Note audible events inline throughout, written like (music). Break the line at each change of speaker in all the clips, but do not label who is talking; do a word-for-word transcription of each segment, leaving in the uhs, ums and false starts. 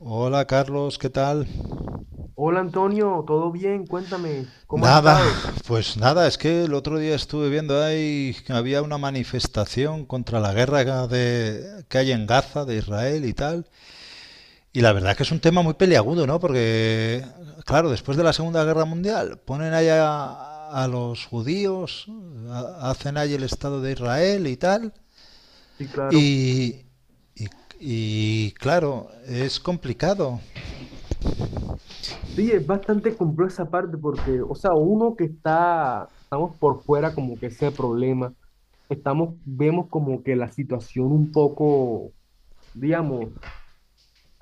Hola Carlos, ¿qué tal?
Hola Antonio, ¿todo bien? Cuéntame, ¿cómo ha
Nada,
estado?
pues nada, es que el otro día estuve viendo ahí que había una manifestación contra la guerra de, que hay en Gaza, de Israel y tal. Y la verdad que es un tema muy peliagudo, ¿no? Porque, claro, después de la Segunda Guerra Mundial ponen allá a, a los judíos, a- hacen ahí el Estado de Israel y tal.
Sí, claro.
Y, y, y, claro, es complicado.
Sí, es bastante complejo esa parte porque, o sea, uno que está, estamos por fuera como que ese problema, estamos, vemos como que la situación un poco, digamos,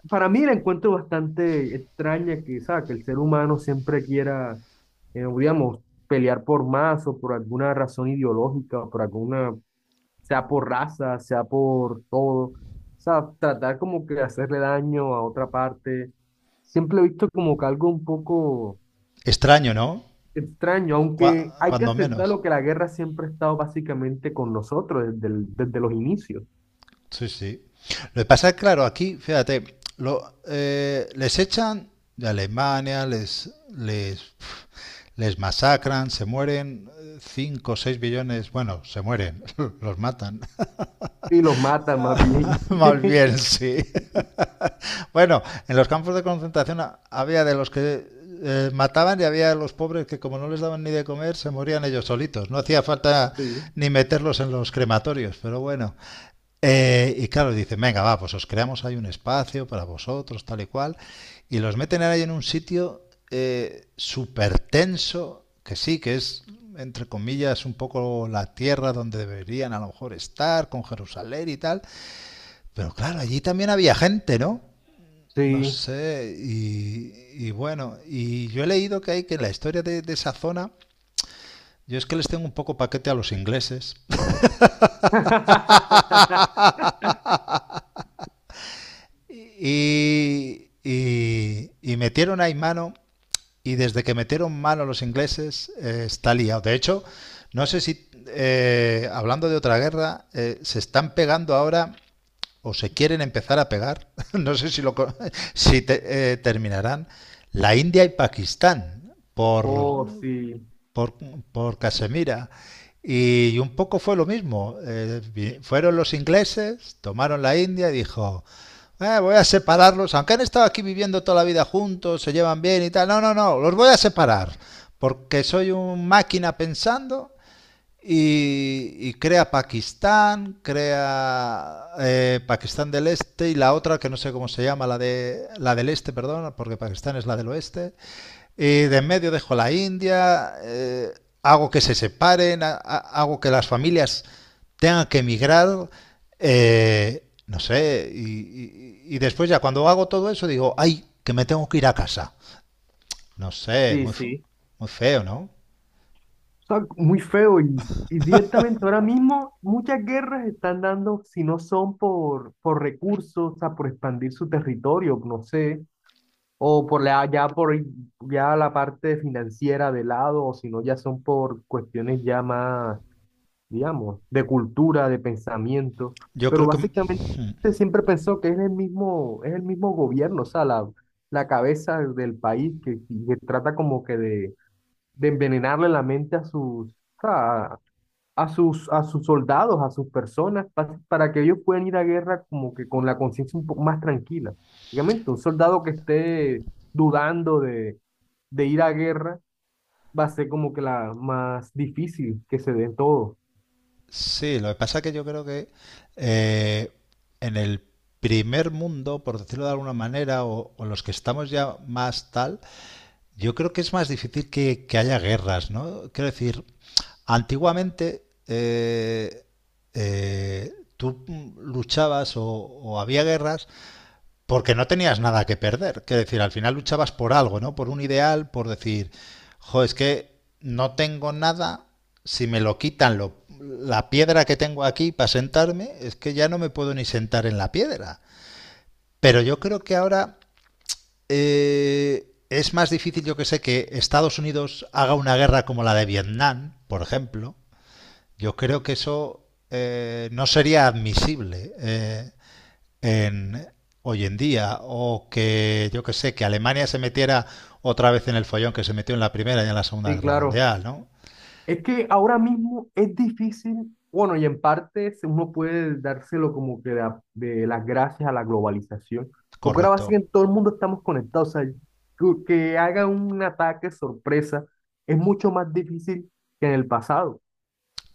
para mí la encuentro bastante extraña que, o sea, que el ser humano siempre quiera, eh, digamos, pelear por más o por alguna razón ideológica o por alguna sea por raza, sea por todo, o sea, tratar como que de hacerle daño a otra parte, siempre lo he visto como que algo un poco
Extraño, ¿no?
extraño, aunque
Cua-
hay que
cuando
aceptar
menos.
lo que la guerra siempre ha estado básicamente con nosotros desde, el- desde los inicios.
Sí, sí. Lo que pasa es, claro, aquí, fíjate, lo, eh, les echan de Alemania, les, les, pf, les masacran, se mueren eh, cinco o seis billones, bueno, se mueren, (laughs) los matan.
Sí, los matan más bien.
(laughs) Más bien,
(laughs)
sí. Bueno, en los campos de concentración a- había de los que eh, mataban y había de los pobres que, como no les daban ni de comer, se morían ellos solitos. No hacía falta
Sí,
ni meterlos en los crematorios, pero bueno. Eh, y claro, dicen, venga, va, pues os creamos ahí un espacio para vosotros, tal y cual. Y los meten ahí en un sitio eh, súper tenso, que sí, que es, entre comillas, un poco la tierra donde deberían a lo mejor estar, con Jerusalén y tal. Pero claro, allí también había gente, ¿no? No
sí.
sé, y, y bueno, y yo he leído que hay que la historia de, de esa zona, yo es que les tengo un poco paquete a los ingleses.
(laughs)
(laughs) Y, y- y metieron ahí mano, y desde que metieron mano los ingleses, eh, está liado. De hecho, no sé si, eh, hablando de otra guerra, eh, se están pegando ahora o se quieren empezar a pegar. (laughs) No sé si, lo, co- (laughs) si te- eh, terminarán. La India y Pakistán por
Oh, sí,
por, por Casemira. Y un poco fue lo mismo. Eh, fueron los ingleses, tomaron la India y dijo, "Eh, voy a separarlos, aunque han estado aquí viviendo toda la vida juntos, se llevan bien y tal. No, no, no, los voy a separar, porque soy un máquina pensando y, y crea Pakistán, crea eh, Pakistán del Este y la otra que no sé cómo se llama, la de la del Este, perdón, porque Pakistán es la del Oeste. Y de en medio dejo la India, eh, hago que se separen, ha- ha- hago que las familias tengan que emigrar, eh, no sé, y, y- y después ya cuando hago todo eso digo, ay, que me tengo que ir a casa. No sé,
sí,
muy, fe-
sí.
muy feo, ¿no?
Sea, muy feo y, y directamente ahora mismo muchas guerras están dando, si no son por, por recursos, o sea, por expandir su territorio, no sé, o por la, ya por ya la parte financiera de lado, o si no ya son por cuestiones ya más, digamos, de cultura, de pensamiento,
Yo
pero
creo que.
básicamente
(laughs)
siempre pensó que es el mismo, es el mismo gobierno, o sea, la, la cabeza del país que, que trata como que de, de envenenarle la mente a sus sea, a, a sus, a sus soldados, a sus personas, pa- para que ellos puedan ir a guerra como que con la conciencia un poco más tranquila. Obviamente, un soldado que esté dudando de, de ir a guerra va a ser como que la más difícil que se dé todo.
Sí, lo que pasa es que yo creo que eh, en el primer mundo, por decirlo de alguna manera, o, o los que estamos ya más tal, yo creo que es más difícil que, que haya guerras, ¿no? Quiero decir, antiguamente eh, eh, tú mm, luchabas o, o había guerras porque no tenías nada que perder. Quiero decir, al final luchabas por algo, ¿no? Por un ideal, por decir, jo, es que no tengo nada, si me lo quitan lo, la piedra que tengo aquí para sentarme, es que ya no me puedo ni sentar en la piedra. Pero yo creo que ahora eh, es más difícil, yo que sé, que Estados Unidos haga una guerra como la de Vietnam, por ejemplo. Yo creo que eso, eh, no sería admisible, eh, en, hoy en día. O que, yo que sé, que Alemania se metiera otra vez en el follón que se metió en la Primera y en la Segunda
Sí,
Guerra
claro.
Mundial, ¿no?
Es que ahora mismo es difícil, bueno, y en parte se- uno puede dárselo como que de, a- de las gracias a la globalización, porque ahora
Correcto,
básicamente todo el mundo estamos conectados, o sea, que, que haga un ataque sorpresa es mucho más difícil que en el pasado,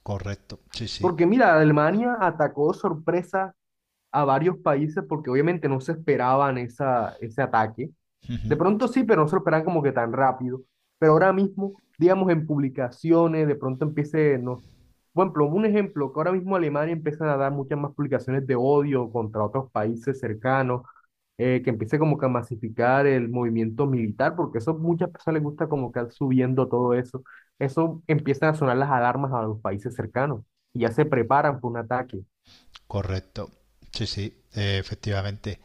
correcto, sí, sí.
porque mira, Alemania atacó sorpresa a varios países porque obviamente no se esperaban esa, ese ataque. De
Ujú.
pronto sí, pero no se lo esperaban como que tan rápido. Pero ahora mismo, digamos, en publicaciones, de pronto empiece, no, por ejemplo, un ejemplo, que ahora mismo Alemania empieza a dar muchas más publicaciones de odio contra otros países cercanos, eh, que empiece como que a masificar el movimiento militar, porque eso muchas personas les gusta como que estar subiendo todo eso. Eso empiezan a sonar las alarmas a los países cercanos y ya se preparan para un ataque.
Correcto, sí, sí, eh, efectivamente.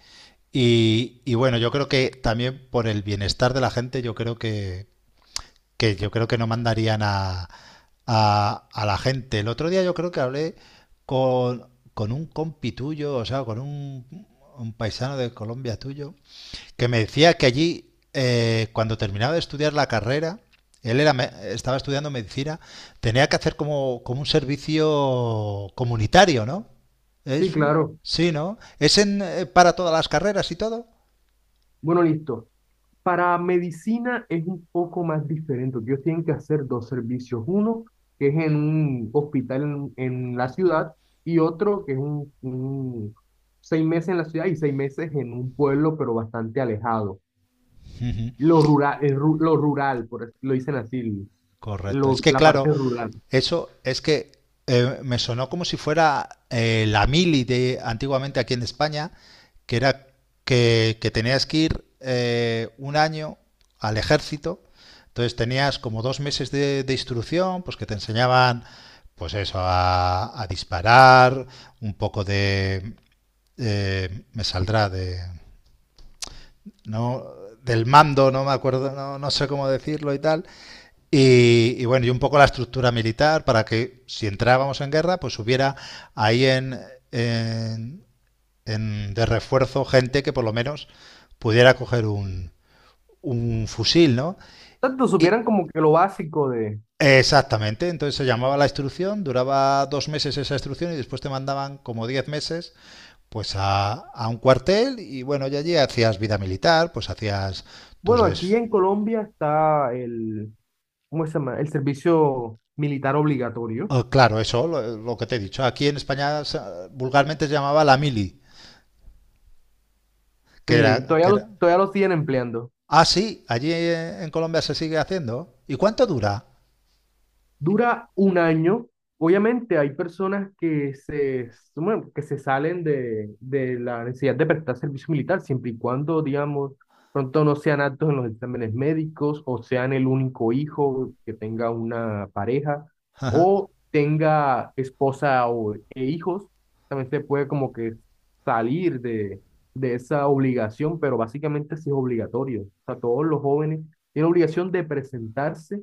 Y, y bueno, yo creo que también por el bienestar de la gente, yo creo que, que yo creo que no mandarían a, a, a la gente. El otro día yo creo que hablé con, con un compi tuyo, o sea, con un, un paisano de Colombia tuyo, que me decía que allí, eh, cuando terminaba de estudiar la carrera, él era, me- estaba estudiando medicina, tenía que hacer como, como un servicio comunitario, ¿no? Es,
Sí, claro.
sí, ¿no? ¿Es en, eh, para todas las carreras y todo?
Bueno, listo. Para medicina es un poco más diferente. Ellos tienen que hacer dos servicios. Uno, que es en un hospital en, en la ciudad, y otro, que es un, un- seis meses en la ciudad y seis meses en un pueblo, pero bastante alejado.
(laughs) Ujú.
Lo rural, el ru- lo rural, por así- lo dicen así,
Correcto. Es
lo-
que
la
claro,
parte rural.
eso es que, eh, me sonó como si fuera, eh, la mili de antiguamente aquí en España, que era que, que tenías que ir eh, un año al ejército. Entonces tenías como dos meses de, de instrucción, pues que te enseñaban, pues eso, a, a disparar, un poco de, eh, me saldrá de, no, del mando, no me acuerdo, no, no sé cómo decirlo y tal. Y, y, bueno, y un poco la estructura militar para que si entrábamos en guerra, pues hubiera ahí en, en- en- de refuerzo gente que por lo menos pudiera coger un, un fusil, ¿no?
Tanto
Y
supieran como que lo básico de,
exactamente, entonces se llamaba la instrucción, duraba dos meses esa instrucción y después te mandaban como diez meses pues a, a un cuartel y bueno, y allí hacías vida militar, pues hacías tus
bueno, aquí
des...
en Colombia está el, ¿cómo se llama? El servicio militar obligatorio.
Oh, claro, eso, lo, lo que te he dicho. Aquí en España vulgarmente se llamaba la mili. Que era,
Sí,
que
todavía lo,
era-
todavía lo siguen empleando.
Ah, sí, allí, eh, en Colombia se sigue haciendo. ¿Y cuánto dura?
Dura un año. Obviamente hay personas que se, bueno, que se salen de, de la necesidad de prestar servicio militar, siempre y cuando, digamos, pronto no sean aptos en los exámenes médicos o sean el único hijo que tenga una pareja
Ajá.
o tenga esposa o, e hijos. También se puede como que salir de, de esa obligación, pero básicamente sí es obligatorio. O sea, todos los jóvenes tienen obligación de presentarse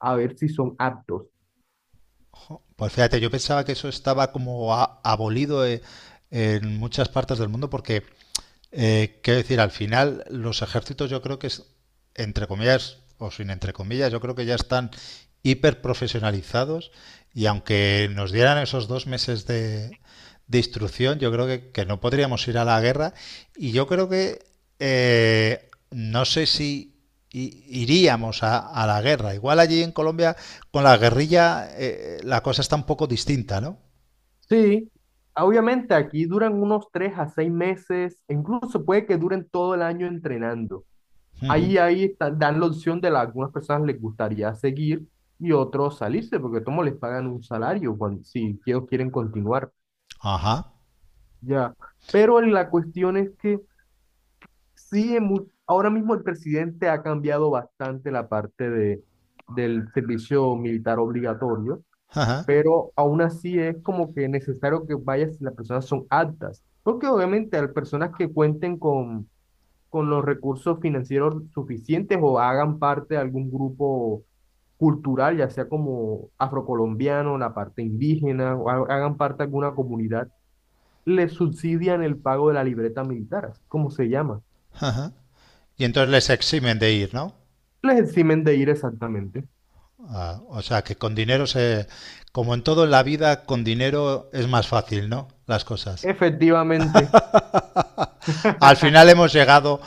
a ver si son aptos.
Pues fíjate, yo pensaba que eso estaba como a- abolido, eh, en muchas partes del mundo porque, Eh, quiero decir, al final los ejércitos yo creo que es, entre comillas o sin entre comillas, yo creo que ya están hiper profesionalizados y aunque nos dieran esos dos meses de, de instrucción, yo creo que, que, no podríamos ir a la guerra y yo creo que, eh, no sé si iríamos a, a, la guerra. Igual allí en Colombia con la guerrilla, eh, la cosa está un poco distinta, ¿no?
Sí, ah, obviamente aquí duran unos tres a seis meses, e incluso puede que duren todo el año entrenando.
Uh -huh.
Ahí, ahí está- dan la opción de la, algunas personas les gustaría seguir y otros salirse, porque como les pagan un salario cuando, si ellos quieren continuar.
Ajá,
Ya. Pero la cuestión es que sí, en mu- ahora mismo el presidente ha cambiado bastante la parte de, del servicio militar obligatorio
ajá,
pero aún así es como que necesario que vayas si las personas son aptas, porque obviamente hay personas que cuenten con, con los recursos financieros suficientes o hagan parte de algún grupo cultural, ya sea como afrocolombiano, la parte indígena, o ha- hagan parte de alguna comunidad, les subsidian el pago de la libreta militar, así como se llama.
ajá. Y entonces les eximen de ir, ¿no?
Les eximen de ir exactamente.
Ah, o sea, que con dinero se... Como en todo en la vida, con dinero es más fácil, ¿no? Las cosas.
Efectivamente.
Al final
(laughs)
hemos llegado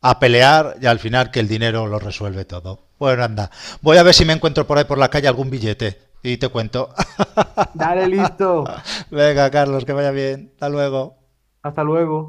a pelear y al final que el dinero lo resuelve todo. Bueno, anda. Voy a ver si me encuentro por ahí por la calle algún billete y te cuento.
Dale, listo.
(laughs) Venga, Carlos, que vaya bien. Hasta luego.
Hasta luego.